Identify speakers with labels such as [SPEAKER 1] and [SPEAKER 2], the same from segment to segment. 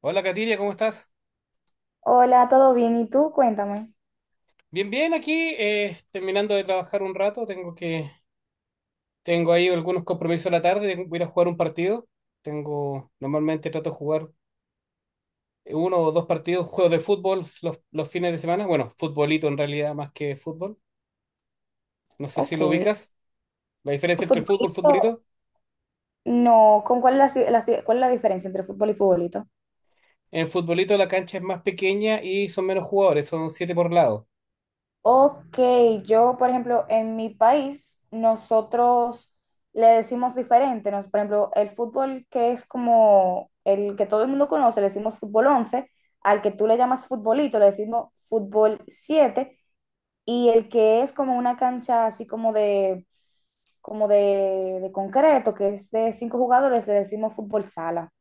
[SPEAKER 1] Hola Katiria, ¿cómo estás?
[SPEAKER 2] Hola, ¿todo bien? ¿Y tú? Cuéntame.
[SPEAKER 1] Bien, bien, aquí terminando de trabajar un rato, tengo ahí algunos compromisos a la tarde, tengo que ir a jugar un partido. Tengo, normalmente trato de jugar uno o dos partidos, juegos de fútbol los fines de semana. Bueno, futbolito en realidad más que fútbol. No sé si lo
[SPEAKER 2] Ok.
[SPEAKER 1] ubicas. La diferencia entre fútbol y
[SPEAKER 2] ¿Futbolito?
[SPEAKER 1] futbolito.
[SPEAKER 2] No, ¿con cuál es la, cuál es la diferencia entre fútbol y futbolito?
[SPEAKER 1] En futbolito la cancha es más pequeña y son menos jugadores, son siete por lado.
[SPEAKER 2] Ok, yo, por ejemplo, en mi país, nosotros le decimos diferente, por ejemplo, el fútbol que es como el que todo el mundo conoce, le decimos fútbol 11, al que tú le llamas futbolito, le decimos fútbol 7. Y el que es como una cancha así como de, de concreto, que es de cinco jugadores, le decimos fútbol sala,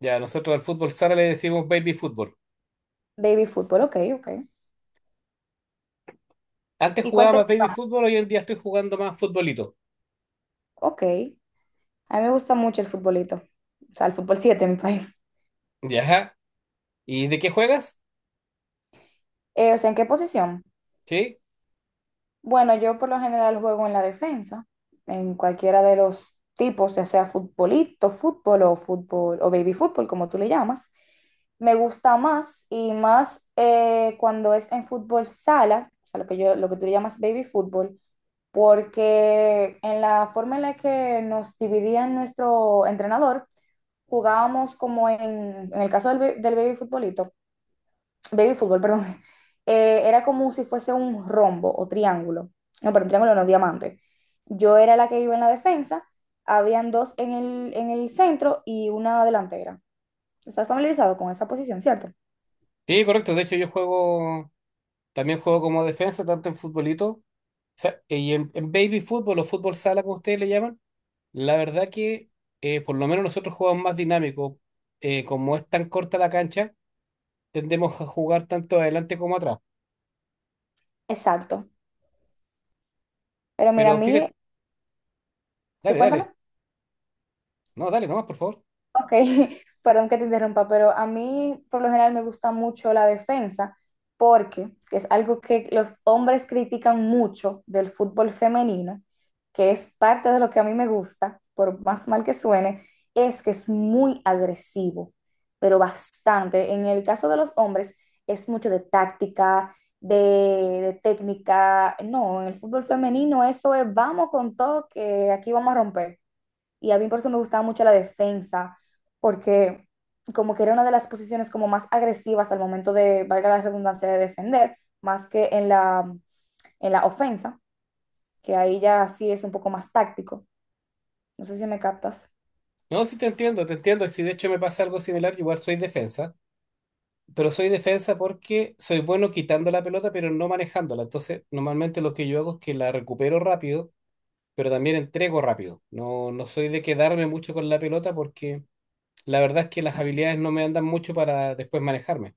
[SPEAKER 1] Ya, nosotros al fútbol sala le decimos baby fútbol.
[SPEAKER 2] baby fútbol, ok, ok.
[SPEAKER 1] Antes
[SPEAKER 2] ¿Y cuál
[SPEAKER 1] jugaba
[SPEAKER 2] te
[SPEAKER 1] más baby
[SPEAKER 2] gusta?
[SPEAKER 1] fútbol, hoy en día estoy jugando más futbolito.
[SPEAKER 2] Ok, a mí me gusta mucho el futbolito, o sea, el fútbol 7 en mi país.
[SPEAKER 1] Ya. ¿Y de qué juegas?
[SPEAKER 2] O sea, ¿en qué posición?
[SPEAKER 1] Sí,
[SPEAKER 2] Bueno, yo por lo general juego en la defensa, en cualquiera de los tipos, ya sea futbolito, fútbol o fútbol o baby fútbol, como tú le llamas. Me gusta más y más cuando es en fútbol sala, o sea, lo que yo, lo que tú le llamas baby fútbol, porque en la forma en la que nos dividía nuestro entrenador, jugábamos como en el caso del baby futbolito, baby fútbol, perdón, era como si fuese un rombo o triángulo. No, perdón, triángulo no, diamante. Yo era la que iba en la defensa, habían dos en el centro y una delantera. ¿Estás familiarizado con esa posición, cierto?
[SPEAKER 1] sí, correcto. De hecho, también juego como defensa, tanto en futbolito, o sea, en baby fútbol o fútbol sala, como ustedes le llaman. La verdad que por lo menos nosotros jugamos más dinámico. Como es tan corta la cancha, tendemos a jugar tanto adelante como atrás.
[SPEAKER 2] Exacto. Pero mira, a
[SPEAKER 1] Pero
[SPEAKER 2] mí,
[SPEAKER 1] fíjate,
[SPEAKER 2] sí,
[SPEAKER 1] dale,
[SPEAKER 2] cuéntame.
[SPEAKER 1] dale. No, dale nomás, por favor.
[SPEAKER 2] Ok, perdón que te interrumpa, pero a mí por lo general me gusta mucho la defensa porque es algo que los hombres critican mucho del fútbol femenino, que es parte de lo que a mí me gusta, por más mal que suene, es que es muy agresivo, pero bastante. En el caso de los hombres es mucho de táctica, de técnica. No, en el fútbol femenino eso es vamos con todo que aquí vamos a romper. Y a mí por eso me gustaba mucho la defensa, porque como que era una de las posiciones como más agresivas al momento de, valga la redundancia, de defender, más que en en la ofensa, que ahí ya sí es un poco más táctico. No sé si me captas.
[SPEAKER 1] No, sí te entiendo, te entiendo. Si de hecho me pasa algo similar, igual soy defensa. Pero soy defensa porque soy bueno quitando la pelota, pero no manejándola. Entonces, normalmente lo que yo hago es que la recupero rápido, pero también entrego rápido. No, no soy de quedarme mucho con la pelota porque la verdad es que las habilidades no me andan mucho para después manejarme.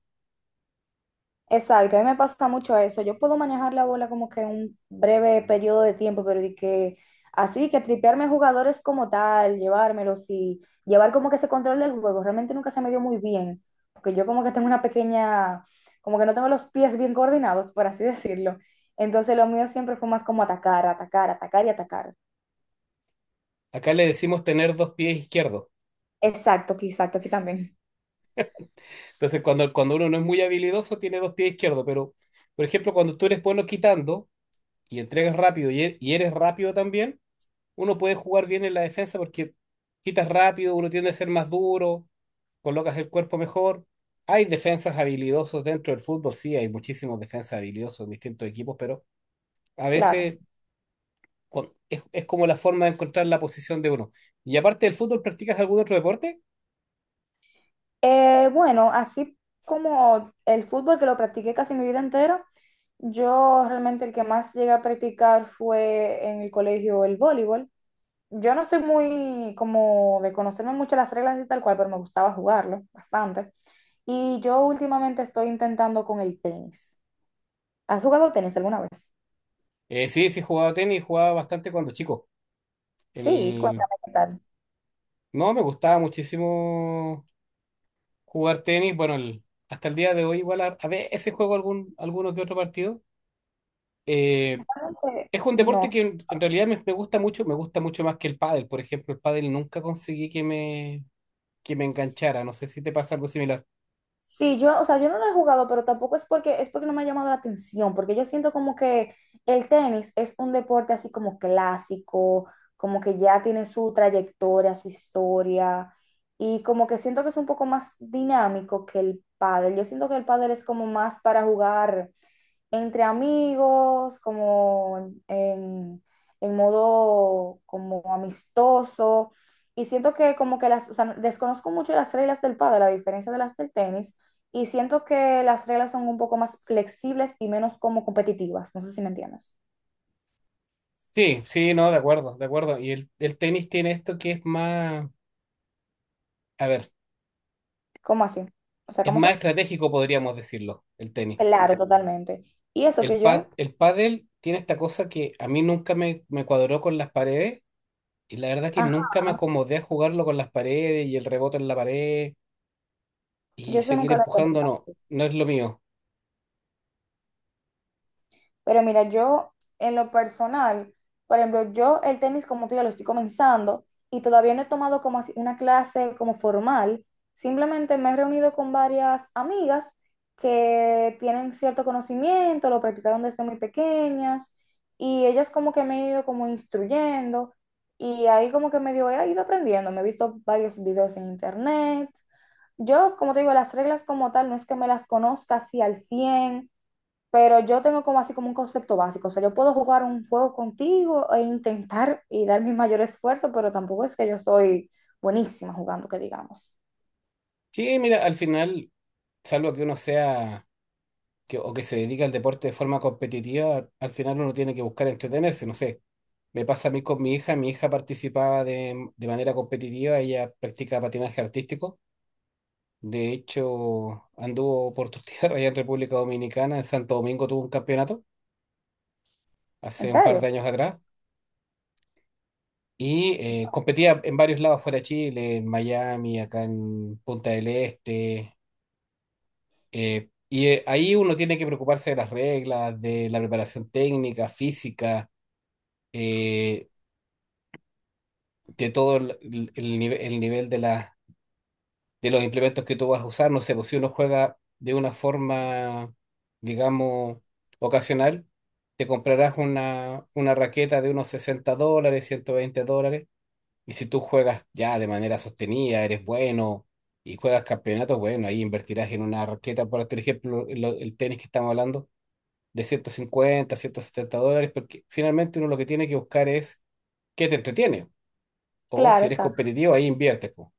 [SPEAKER 2] Exacto, a mí me pasa mucho eso. Yo puedo manejar la bola como que un breve periodo de tiempo, pero de que así que tripearme a jugadores como tal, llevármelos y llevar como que ese control del juego, realmente nunca se me dio muy bien, porque yo como que tengo una pequeña, como que no tengo los pies bien coordinados, por así decirlo. Entonces lo mío siempre fue más como atacar, atacar, atacar y atacar.
[SPEAKER 1] Acá le decimos tener dos pies izquierdos.
[SPEAKER 2] Exacto, aquí también.
[SPEAKER 1] Entonces, cuando uno no es muy habilidoso, tiene dos pies izquierdos. Pero, por ejemplo, cuando tú eres bueno quitando y entregas rápido y eres rápido también, uno puede jugar bien en la defensa porque quitas rápido, uno tiende a ser más duro, colocas el cuerpo mejor. Hay defensas habilidosos dentro del fútbol, sí, hay muchísimos defensas habilidosos en distintos equipos, pero a
[SPEAKER 2] Claro, sí.
[SPEAKER 1] veces es como la forma de encontrar la posición de uno. Y aparte del fútbol, ¿practicas algún otro deporte?
[SPEAKER 2] Bueno, así como el fútbol que lo practiqué casi mi vida entera, yo realmente el que más llegué a practicar fue en el colegio el voleibol. Yo no soy muy como de conocerme mucho las reglas y tal cual, pero me gustaba jugarlo bastante. Y yo últimamente estoy intentando con el tenis. ¿Has jugado tenis alguna vez?
[SPEAKER 1] Sí, sí, jugaba tenis, jugaba bastante cuando chico.
[SPEAKER 2] Sí,
[SPEAKER 1] El...
[SPEAKER 2] cuéntame qué tal.
[SPEAKER 1] No, me gustaba muchísimo jugar tenis. Hasta el día de hoy igual a veces juego alguno que otro partido. Eh,
[SPEAKER 2] Realmente,
[SPEAKER 1] Es un deporte
[SPEAKER 2] no,
[SPEAKER 1] que en realidad me gusta mucho más que el pádel. Por ejemplo, el pádel nunca conseguí que me enganchara. No sé si te pasa algo similar.
[SPEAKER 2] sí, yo, o sea, yo no lo he jugado, pero tampoco es porque no me ha llamado la atención, porque yo siento como que el tenis es un deporte así como clásico, como que ya tiene su trayectoria, su historia, y como que siento que es un poco más dinámico que el pádel. Yo siento que el pádel es como más para jugar entre amigos, como modo como amistoso. Y siento que como que las, o sea, desconozco mucho las reglas del pádel, a diferencia de las del tenis, y siento que las reglas son un poco más flexibles y menos como competitivas. No sé si me entiendes.
[SPEAKER 1] Sí, sí, no, de acuerdo, de acuerdo. Y el tenis tiene esto que es más, a ver,
[SPEAKER 2] ¿Cómo así? O sea,
[SPEAKER 1] es
[SPEAKER 2] ¿cómo
[SPEAKER 1] más
[SPEAKER 2] fue?
[SPEAKER 1] estratégico, podríamos decirlo, el tenis.
[SPEAKER 2] Claro, totalmente. Y eso que yo,
[SPEAKER 1] El pádel tiene esta cosa que a mí nunca me, me cuadró con las paredes y la verdad que
[SPEAKER 2] ajá,
[SPEAKER 1] nunca me acomodé a jugarlo con las paredes y el rebote en la pared y
[SPEAKER 2] yo eso
[SPEAKER 1] seguir
[SPEAKER 2] nunca lo he
[SPEAKER 1] empujando,
[SPEAKER 2] entendido.
[SPEAKER 1] no, no es lo mío.
[SPEAKER 2] Pero mira, yo en lo personal, por ejemplo, yo el tenis como te digo lo estoy comenzando y todavía no he tomado como así una clase como formal. Simplemente me he reunido con varias amigas que tienen cierto conocimiento, lo practicaron desde muy pequeñas y ellas como que me han ido como instruyendo y ahí como que medio he ido aprendiendo. Me he visto varios videos en internet. Yo, como te digo, las reglas como tal no es que me las conozca así al cien, pero yo tengo como así como un concepto básico. O sea, yo puedo jugar un juego contigo e intentar y dar mi mayor esfuerzo, pero tampoco es que yo soy buenísima jugando, que digamos.
[SPEAKER 1] Sí, mira, al final salvo que uno sea o que se dedique al deporte de forma competitiva, al final uno tiene que buscar entretenerse, no sé. Me pasa a mí con mi hija participaba de manera competitiva, ella practica patinaje artístico. De hecho, anduvo por tus tierras allá en República Dominicana, en Santo Domingo tuvo un campeonato
[SPEAKER 2] ¿En
[SPEAKER 1] hace un par
[SPEAKER 2] serio?
[SPEAKER 1] de años atrás y competía en varios lados fuera de Chile, en Miami, acá en Punta del Este. Ahí uno tiene que preocuparse de las reglas, de la preparación técnica, física, eh, de todo el nivel de los implementos que tú vas a usar. No sé, pues si uno juega de una forma, digamos, ocasional, te comprarás una raqueta de unos $60, $120. Y si tú juegas ya de manera sostenida, eres bueno y juegas campeonatos, bueno, ahí invertirás en una raqueta, por ejemplo, el tenis que estamos hablando de $150 $170, porque finalmente uno lo que tiene que buscar es qué te entretiene. O
[SPEAKER 2] Claro,
[SPEAKER 1] si eres
[SPEAKER 2] exacto.
[SPEAKER 1] competitivo, ahí inviertes, po.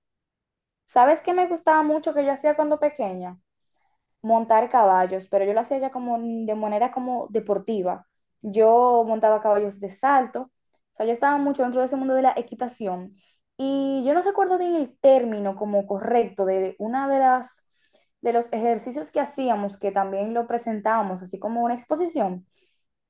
[SPEAKER 2] ¿Sabes qué me gustaba mucho que yo hacía cuando pequeña? Montar caballos, pero yo lo hacía ya como de manera como deportiva. Yo montaba caballos de salto, o sea, yo estaba mucho dentro de ese mundo de la equitación y yo no recuerdo bien el término como correcto de una de las de los ejercicios que hacíamos, que también lo presentábamos, así como una exposición.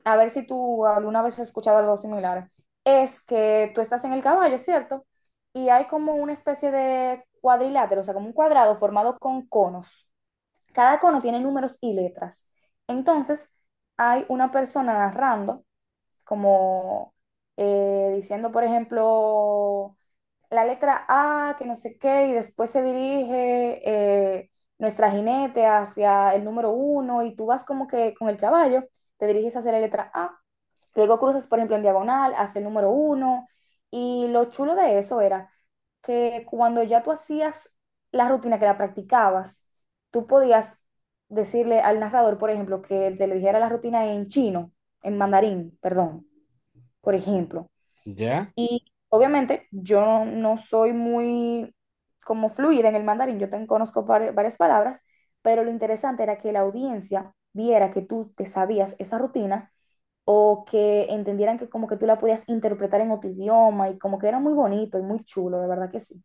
[SPEAKER 2] A ver si tú alguna vez has escuchado algo similar. Es que tú estás en el caballo, ¿cierto? Y hay como una especie de cuadrilátero, o sea, como un cuadrado formado con conos. Cada cono tiene números y letras. Entonces, hay una persona narrando, como diciendo, por ejemplo, la letra A, que no sé qué, y después se dirige eh, nuestra jinete hacia el número uno, y tú vas como que con el caballo, te diriges hacia la letra A, luego cruzas, por ejemplo, en diagonal, hacia el número uno. Y lo chulo de eso era que cuando ya tú hacías la rutina que la practicabas, tú podías decirle al narrador, por ejemplo, que te le dijera la rutina en chino, en mandarín, perdón, por ejemplo.
[SPEAKER 1] ¿Ya?
[SPEAKER 2] Y obviamente yo no, no soy muy como fluida en el mandarín, yo te conozco varias palabras, pero lo interesante era que la audiencia viera que tú te sabías esa rutina o que entendieran que como que tú la podías interpretar en otro idioma y como que era muy bonito y muy chulo, de verdad que sí.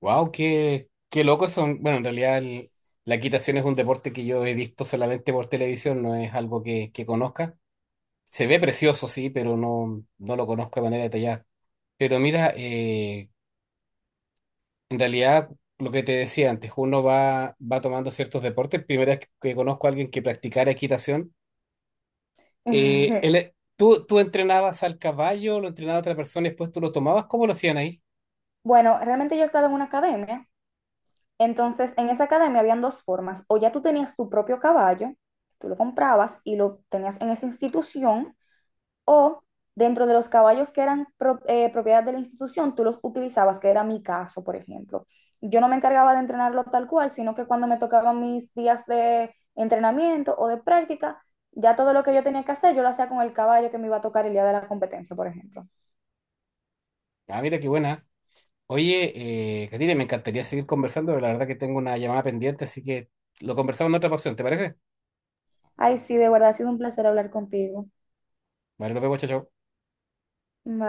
[SPEAKER 1] Wow, qué, qué loco son. Bueno, en realidad la equitación es un deporte que yo he visto solamente por televisión, no es algo que conozca. Se ve precioso, sí, pero no, no lo conozco de manera detallada. Pero mira, en realidad lo que te decía antes, va tomando ciertos deportes. Primera vez que conozco a alguien que practicara equitación. ¿Tú tú entrenabas al caballo, lo entrenaba otra persona y después tú lo tomabas? ¿Cómo lo hacían ahí?
[SPEAKER 2] Bueno, realmente yo estaba en una academia, entonces en esa academia habían dos formas, o ya tú tenías tu propio caballo, tú lo comprabas y lo tenías en esa institución, o dentro de los caballos que eran propiedad de la institución, tú los utilizabas, que era mi caso, por ejemplo. Yo no me encargaba de entrenarlo tal cual, sino que cuando me tocaban mis días de entrenamiento o de práctica, ya todo lo que yo tenía que hacer, yo lo hacía con el caballo que me iba a tocar el día de la competencia, por ejemplo.
[SPEAKER 1] Ah, mira qué buena. Oye, Catire, me encantaría seguir conversando, pero la verdad que tengo una llamada pendiente, así que lo conversamos en otra ocasión, ¿te parece?
[SPEAKER 2] Ay, sí, de verdad ha sido un placer hablar contigo.
[SPEAKER 1] Vale, nos vemos, chao, chao.
[SPEAKER 2] Bye.